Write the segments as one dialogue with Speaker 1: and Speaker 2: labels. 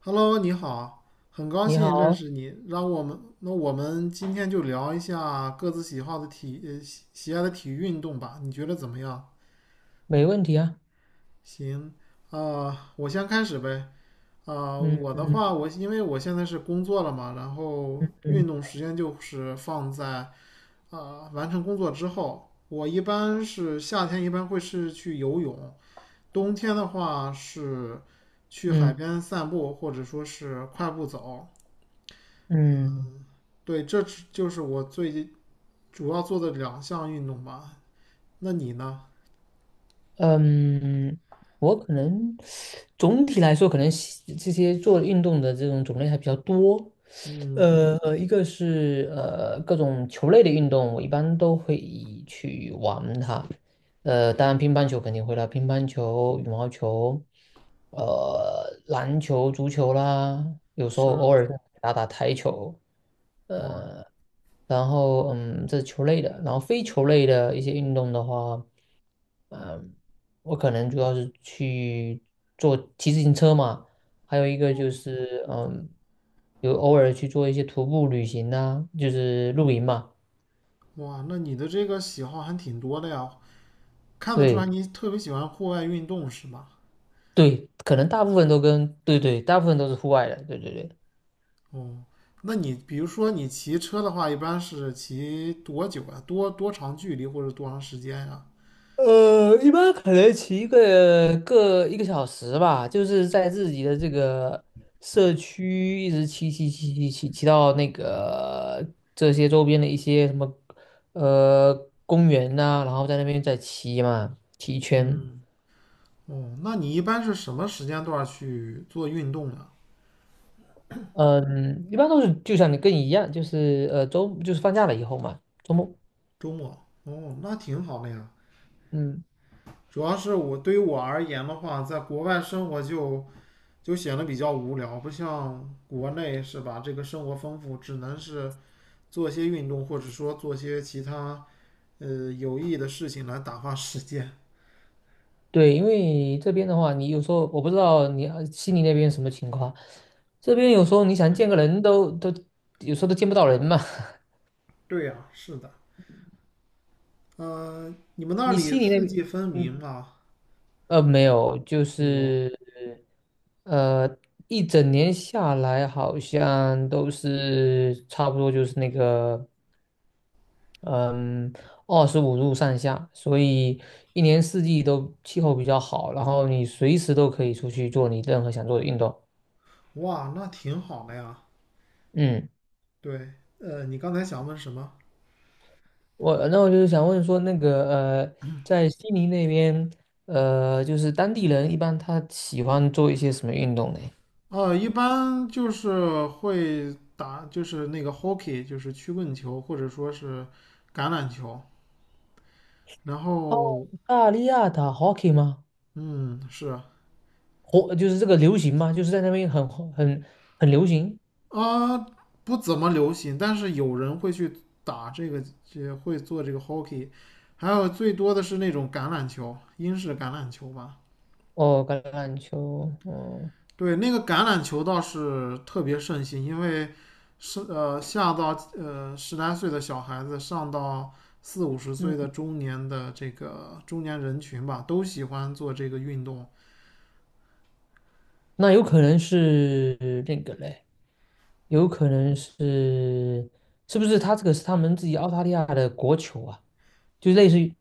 Speaker 1: Hello，你好，很高
Speaker 2: 你
Speaker 1: 兴认
Speaker 2: 好，
Speaker 1: 识你。让我们，那我们今天就聊一下各自喜好的喜爱的体育运动吧。你觉得怎么样？
Speaker 2: 没问题啊。
Speaker 1: 行，我先开始呗。
Speaker 2: 嗯
Speaker 1: 我的
Speaker 2: 嗯
Speaker 1: 话，因为我现在是工作了嘛，然后运
Speaker 2: 嗯
Speaker 1: 动时间就是放在完成工作之后。我一般是夏天一般会是去游泳，冬天的话是去海
Speaker 2: 嗯
Speaker 1: 边散步，或者说是快步走。
Speaker 2: 嗯
Speaker 1: 对，这就是我最近主要做的两项运动吧。那你呢？
Speaker 2: 嗯，我可能总体来说，可能喜这些做运动的这种种类还比较多。
Speaker 1: 嗯，
Speaker 2: 一个是各种球类的运动，我一般都会去玩它。呃，当然乒乓球肯定会啦，乒乓球、羽毛球，篮球、足球啦，有时候
Speaker 1: 是，
Speaker 2: 偶尔打打台球。
Speaker 1: 哇，
Speaker 2: 呃，然后这是球类的，然后非球类的一些运动的话，我可能主要是去做骑自行车嘛，还有一个就
Speaker 1: 哦，
Speaker 2: 是有偶尔去做一些徒步旅行呐、就是露营嘛。
Speaker 1: 哇，那你的这个喜好还挺多的呀，看得出来
Speaker 2: 对
Speaker 1: 你特别喜欢户外运动是吧？
Speaker 2: 对，可能大部分都跟大部分都是户外的，对对对。
Speaker 1: 哦，那你比如说你骑车的话，一般是骑多久啊？多长距离或者多长时间呀？
Speaker 2: 一般可能骑一个小时吧，就是在自己的这个社区一直骑到那个这些周边的一些什么呃公园呐、然后在那边再骑嘛，骑一圈。
Speaker 1: 哦，那你一般是什么时间段去做运动啊？
Speaker 2: 嗯，一般都是就像你一样，就是就是放假了以后嘛，周末。
Speaker 1: 周末？哦，那挺好的呀。
Speaker 2: 嗯。
Speaker 1: 主要是我对于我而言的话，在国外生活就显得比较无聊，不像国内是吧？这个生活丰富，只能是做些运动，或者说做些其他有意义的事情来打发时间。
Speaker 2: 对，因为这边的话，你有时候我不知道你悉尼那边什么情况，这边有时候你想见个人都有时候都见不到人嘛。
Speaker 1: 对呀，是的，嗯、你们那
Speaker 2: 你
Speaker 1: 里
Speaker 2: 悉尼那
Speaker 1: 四
Speaker 2: 边，
Speaker 1: 季分明
Speaker 2: 嗯，
Speaker 1: 啊？
Speaker 2: 没有，就
Speaker 1: 没有，
Speaker 2: 是呃，一整年下来好像都是差不多就是那个嗯25度上下，所以一年四季都气候比较好，然后你随时都可以出去做你任何想做的运动。
Speaker 1: 哇，那挺好的呀。
Speaker 2: 嗯。
Speaker 1: 对，你刚才想问什么？
Speaker 2: 我就是想问说，那个呃，在悉尼那边，就是当地人一般他喜欢做一些什么运动呢？
Speaker 1: 一般就是会打，就是那个 hockey,就是曲棍球，或者说是橄榄球。然后，
Speaker 2: 澳大利亚打 hockey 吗？
Speaker 1: 嗯，是啊，
Speaker 2: 火就是这个流行吗？就是在那边很很流行。
Speaker 1: 呃不怎么流行，但是有人会去打这个，也会做这个 hockey。还有最多的是那种橄榄球，英式橄榄球吧。
Speaker 2: 哦，橄榄球，哦，
Speaker 1: 对，那个橄榄球倒是特别盛行，因为下到十来岁的小孩子，上到四五十岁
Speaker 2: 嗯，
Speaker 1: 的中年的这个中年人群吧，都喜欢做这个运动。
Speaker 2: 那有可能是那个嘞，有可能是是不是他这个是他们自己澳大利亚的国球啊？就类似于。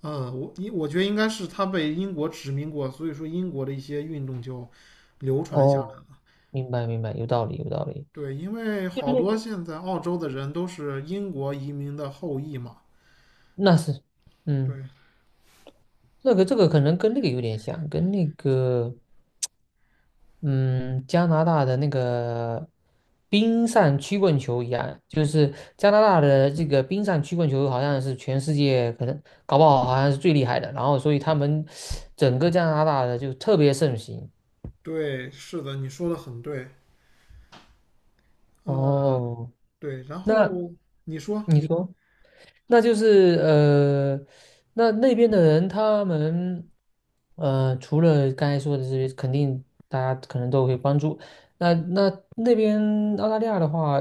Speaker 1: 我觉得应该是他被英国殖民过，所以说英国的一些运动就流传下
Speaker 2: 哦，
Speaker 1: 来了。
Speaker 2: 明白明白，有道理有道理，
Speaker 1: 对，因为
Speaker 2: 就
Speaker 1: 好
Speaker 2: 类
Speaker 1: 多现在澳洲的人都是英国移民的后裔嘛。
Speaker 2: 那是。嗯。
Speaker 1: 对，
Speaker 2: 这个这个可能跟那个有点像，跟那个嗯加拿大的那个冰上曲棍球一样，就是加拿大的这个冰上曲棍球好像是全世界可能搞不好好像是最厉害的，然后所以他们整个加拿大的就特别盛行。
Speaker 1: 对，是的，你说的很对。呃，
Speaker 2: 哦，
Speaker 1: 对，然
Speaker 2: 那
Speaker 1: 后你说。
Speaker 2: 你说？那就是那那边的人他们除了刚才说的这些，肯定大家可能都会关注。那那那边澳大利亚的话，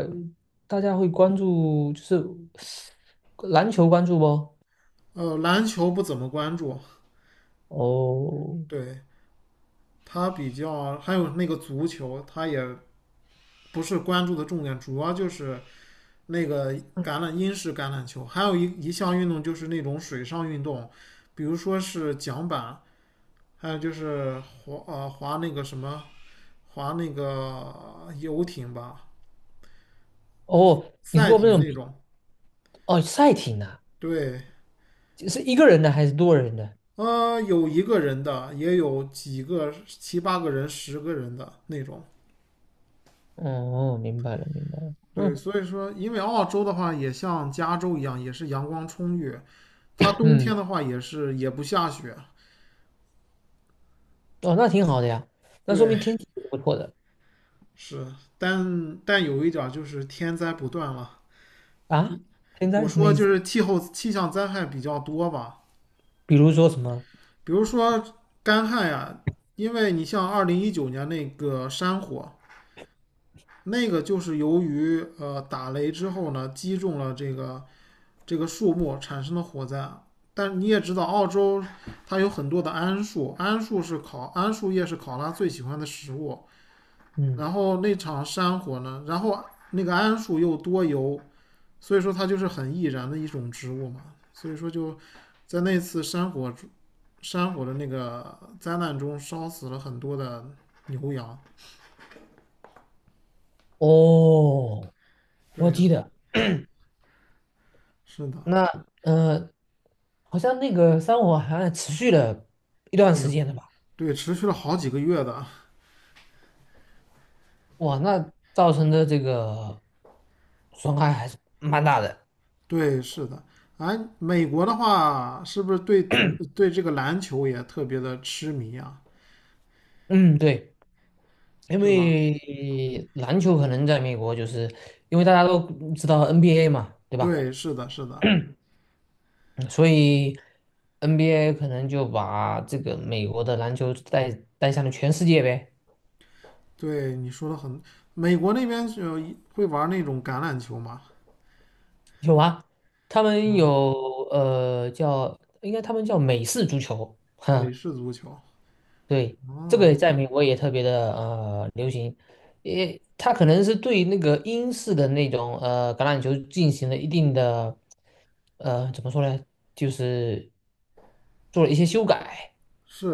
Speaker 2: 大家会关注就是篮球关注不？
Speaker 1: 篮球不怎么关注，
Speaker 2: 哦
Speaker 1: 对他比较，还有那个足球，他也不是关注的重点，主要就是那个英式橄榄球，还有一项运动就是那种水上运动，比如说是桨板，还有就是滑呃滑那个什么滑那个游艇吧，
Speaker 2: 哦，你是
Speaker 1: 赛
Speaker 2: 说那
Speaker 1: 艇
Speaker 2: 种。
Speaker 1: 那种，
Speaker 2: 哦赛艇啊，
Speaker 1: 对。
Speaker 2: 是一个人的还是多人的？
Speaker 1: 有一个人的，也有几个七八个人、10个人的那种。
Speaker 2: 哦，明白了明白了，
Speaker 1: 对，
Speaker 2: 嗯
Speaker 1: 所以说，因为澳洲的话也像加州一样，也是阳光充裕，它冬
Speaker 2: 嗯。
Speaker 1: 天的话也不下雪。
Speaker 2: 哦，那挺好的呀，那说
Speaker 1: 对，
Speaker 2: 明天气不错的
Speaker 1: 是，但有一点儿就是天灾不断了。
Speaker 2: 啊。天
Speaker 1: 我
Speaker 2: 灾什么
Speaker 1: 说
Speaker 2: 意
Speaker 1: 就
Speaker 2: 思？
Speaker 1: 是气候气象灾害比较多吧，
Speaker 2: 比如说什么？
Speaker 1: 比如说干旱呀，因为你像2019年那个山火，那个就是由于打雷之后呢，击中了这个树木产生的火灾啊。但你也知道，澳洲它有很多的桉树，桉树是考桉树叶是考拉最喜欢的食物。
Speaker 2: 嗯。
Speaker 1: 然后那场山火呢，然后那个桉树又多油，所以说它就是很易燃的一种植物嘛。所以说就在那次山火的那个灾难中，烧死了很多的牛羊。
Speaker 2: 哦，
Speaker 1: 对
Speaker 2: 我
Speaker 1: 呀、
Speaker 2: 记得
Speaker 1: 是的，
Speaker 2: 那呃，好像那个山火好像持续了一段
Speaker 1: 对
Speaker 2: 时
Speaker 1: 呀、
Speaker 2: 间的吧？
Speaker 1: 对，持续了好几个月的。
Speaker 2: 哇，那造成的这个损害还是蛮大的。
Speaker 1: 对，是的。哎，美国的话，是不是对这个篮球也特别的痴迷啊？
Speaker 2: 嗯，对，因
Speaker 1: 是吧？
Speaker 2: 为篮球可能在美国就是因为大家都知道 NBA 嘛，对吧？
Speaker 1: 对，是的，是的。
Speaker 2: 嗯所以 NBA 可能就把这个美国的篮球带向了全世界呗。
Speaker 1: 对，你说的很。美国那边就会玩那种橄榄球吗？
Speaker 2: 有啊，他们
Speaker 1: 嗯，
Speaker 2: 有叫，应该他们叫美式足球，哈，
Speaker 1: 美式足球。
Speaker 2: 对，这个
Speaker 1: 哦，
Speaker 2: 在美国也特别的流行，也他可能是对那个英式的那种橄榄球进行了一定的怎么说呢，就是做了一些修改，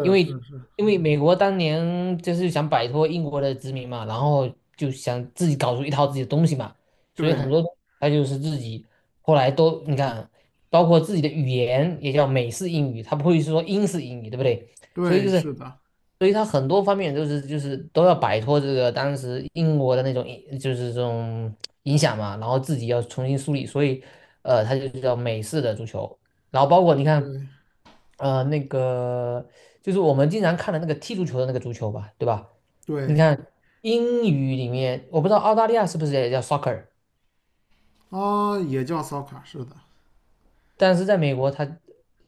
Speaker 2: 因为
Speaker 1: 是是，
Speaker 2: 美国当年就是想摆脱英国的殖民嘛，然后就想自己搞出一套自己的东西嘛，所以很
Speaker 1: 对
Speaker 2: 多他就是自己后来都你看，包括自己的语言也叫美式英语，它不会说英式英语，对不对？所以
Speaker 1: 对，
Speaker 2: 就是，
Speaker 1: 是的，
Speaker 2: 所以他很多方面都是就是都要摆脱这个当时英国的那种就是这种影响嘛，然后自己要重新梳理，所以他就叫美式的足球，然后包括你看，
Speaker 1: 对
Speaker 2: 那个就是我们经常看的那个踢足球的那个足球吧，对吧？你
Speaker 1: 对。
Speaker 2: 看英语里面，我不知道澳大利亚是不是也叫 soccer，
Speaker 1: 啊，也叫 soccer,是的。
Speaker 2: 但是在美国它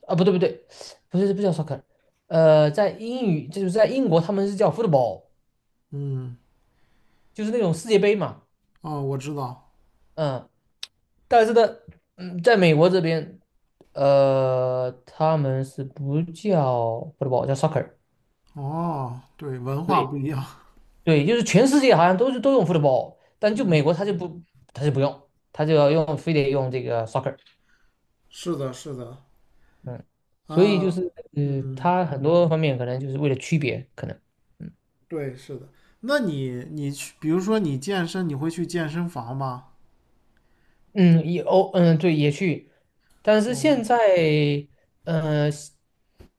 Speaker 2: 不对不对，不是不叫 soccer，在英语就是在英国他们是叫 football。
Speaker 1: 嗯，
Speaker 2: 就是那种世界杯嘛，
Speaker 1: 哦，我知道。
Speaker 2: 嗯，但是呢，嗯，在美国这边，他们是不叫 football，叫 soccer，
Speaker 1: 哦，对，文化不
Speaker 2: 对
Speaker 1: 一样。
Speaker 2: 对，就是全世界好像都是都用 football，但就美
Speaker 1: 嗯，
Speaker 2: 国他就不用，他就要用非得用这个 soccer，
Speaker 1: 是的，是的。
Speaker 2: 嗯，所以就是
Speaker 1: 啊嗯，嗯，
Speaker 2: 他很多方面可能就是为了区别，可能。嗯。
Speaker 1: 对，是的。那你去，比如说你健身，你会去健身房吗？
Speaker 2: 哦，嗯，对，也去，但是
Speaker 1: 哦
Speaker 2: 现在，嗯，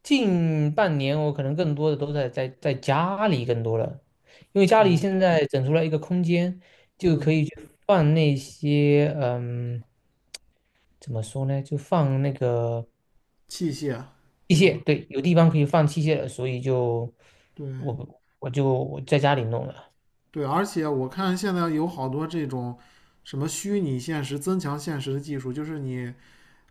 Speaker 2: 近半年我可能更多的都在家里更多了，因为家里
Speaker 1: 哦，
Speaker 2: 现在整出来一个空间，就
Speaker 1: 嗯，
Speaker 2: 可以去放那些，嗯，怎么说呢，就放那个
Speaker 1: 器械
Speaker 2: 器
Speaker 1: 是
Speaker 2: 械，
Speaker 1: 吧？
Speaker 2: 对，有地方可以放器械了，所以就
Speaker 1: 对
Speaker 2: 我在家里弄了，
Speaker 1: 对，而且我看现在有好多这种什么虚拟现实、增强现实的技术，就是你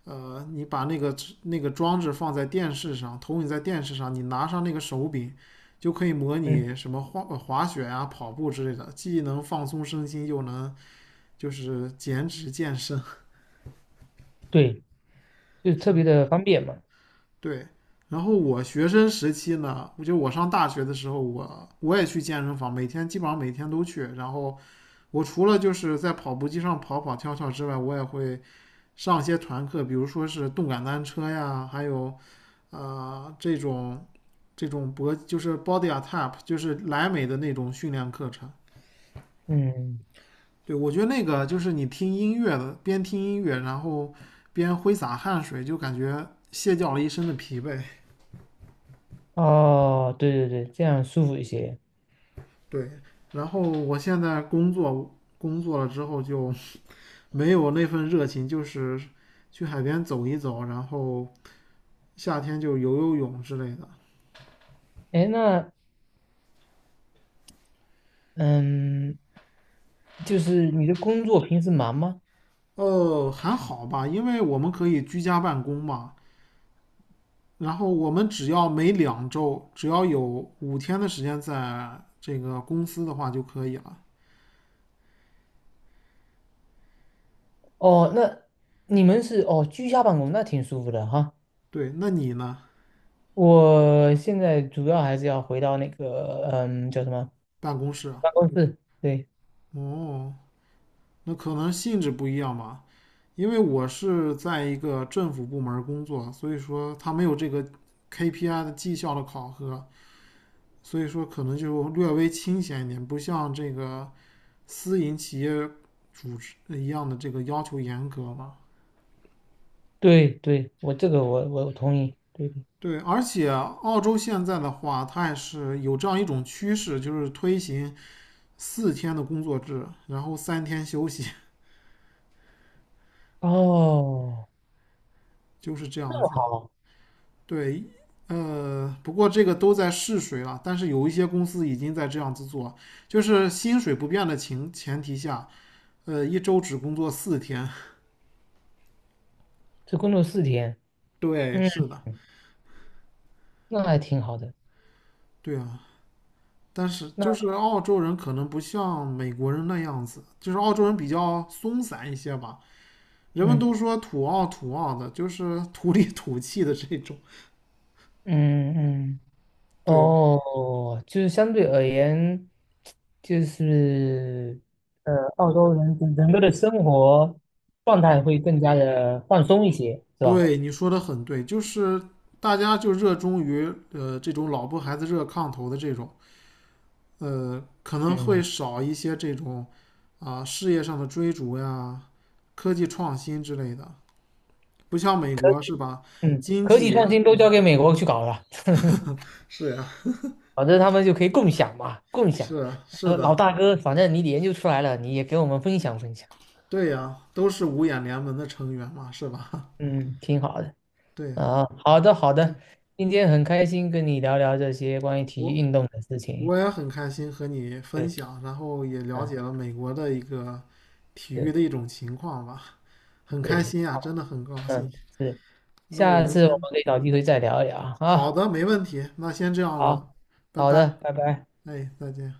Speaker 1: 呃，你把那个装置放在电视上，投影在电视上，你拿上那个手柄，就可以模
Speaker 2: 嗯，
Speaker 1: 拟什么滑雪啊、跑步之类的，既能放松身心，又能就是减脂健身。
Speaker 2: 对，就 特
Speaker 1: 是
Speaker 2: 别的方便嘛，
Speaker 1: 对，然后我学生时期呢，我上大学的时候，我也去健身房，基本上每天都去。然后我除了就是在跑步机上跑跑跳跳之外，我也会上一些团课，比如说是动感单车呀，还有呃这种这种就是 body ATAP 就是莱美的那种训练课程。
Speaker 2: 嗯，
Speaker 1: 对，我觉得那个就是你听音乐的，边听音乐，然后边挥洒汗水，就感觉卸掉了一身的疲惫。
Speaker 2: 哦，对对对，这样舒服一些。
Speaker 1: 对，然后我现在工作了之后就没有那份热情，就是去海边走一走，然后夏天就游泳之类的。
Speaker 2: 哎，诶那嗯，就是你的工作平时忙吗？
Speaker 1: 哦，还好吧，因为我们可以居家办公嘛。然后我们只要每2周，只要有5天的时间在这个公司的话就可以了。
Speaker 2: 哦，那你们是。哦居家办公，那挺舒服的哈。
Speaker 1: 对，那你呢？
Speaker 2: 我现在主要还是要回到那个叫什么
Speaker 1: 办公室啊
Speaker 2: 办公室，对
Speaker 1: 哦，那可能性质不一样吧。因为我是在一个政府部门工作，所以说它没有这个 KPI 的绩效的考核，所以说可能就略微清闲一点，不像这个私营企业组织一样的这个要求严格嘛。
Speaker 2: 对对，我这个我同意，对对。
Speaker 1: 对，而且澳洲现在的话，它也是有这样一种趋势，就是推行四天的工作制，然后3天休息，
Speaker 2: 哦，
Speaker 1: 就是这样子。
Speaker 2: 好，
Speaker 1: 对，不过这个都在试水了，但是有一些公司已经在这样子做，就是薪水不变的前提下，一周只工作四天。
Speaker 2: 这工作四天，
Speaker 1: 对，
Speaker 2: 嗯，
Speaker 1: 是的，
Speaker 2: 那还挺好的。
Speaker 1: 对啊。但是
Speaker 2: 那
Speaker 1: 就是澳洲人可能不像美国人那样子，就是澳洲人比较松散一些吧。人们
Speaker 2: 嗯
Speaker 1: 都说土澳土澳的，就是土里土气的这种。
Speaker 2: 嗯嗯，
Speaker 1: 对
Speaker 2: 哦，就是相对而言，就是澳洲人整个的生活状态会更加的放松一些，是吧？
Speaker 1: 对，你说的很对，就是大家就热衷于这种老婆孩子热炕头的这种。可能会
Speaker 2: 嗯
Speaker 1: 少一些这种事业上的追逐呀、科技创新之类的。不像美国是吧？
Speaker 2: 嗯，
Speaker 1: 经
Speaker 2: 科技创
Speaker 1: 济
Speaker 2: 新都交给美国去搞了，
Speaker 1: 是呀，
Speaker 2: 反正他们就可以共享嘛，共
Speaker 1: 是
Speaker 2: 享。
Speaker 1: 啊是
Speaker 2: 老
Speaker 1: 的，
Speaker 2: 大哥，反正你研究出来了，你也给我们分享分享。
Speaker 1: 对呀，都是五眼联盟的成员嘛，是吧？
Speaker 2: 嗯，挺好的。
Speaker 1: 对呀，
Speaker 2: 啊，好的好的，
Speaker 1: 对，
Speaker 2: 今天很开心跟你聊聊这些关于体育
Speaker 1: 我
Speaker 2: 运动的事情。
Speaker 1: 我也很开心和你分
Speaker 2: 对，
Speaker 1: 享，然后也了
Speaker 2: 嗯，
Speaker 1: 解了美国的一个体育
Speaker 2: 对
Speaker 1: 的一种情况吧，很开
Speaker 2: 对，
Speaker 1: 心啊，真的很高兴。
Speaker 2: 嗯。是。
Speaker 1: 那我
Speaker 2: 下
Speaker 1: 们
Speaker 2: 次我
Speaker 1: 先，
Speaker 2: 们可以找机会再聊一聊
Speaker 1: 好
Speaker 2: 啊。
Speaker 1: 的，没问题，那先这样喽，
Speaker 2: 好，
Speaker 1: 拜
Speaker 2: 好
Speaker 1: 拜。
Speaker 2: 的，拜拜。
Speaker 1: 哎，再见。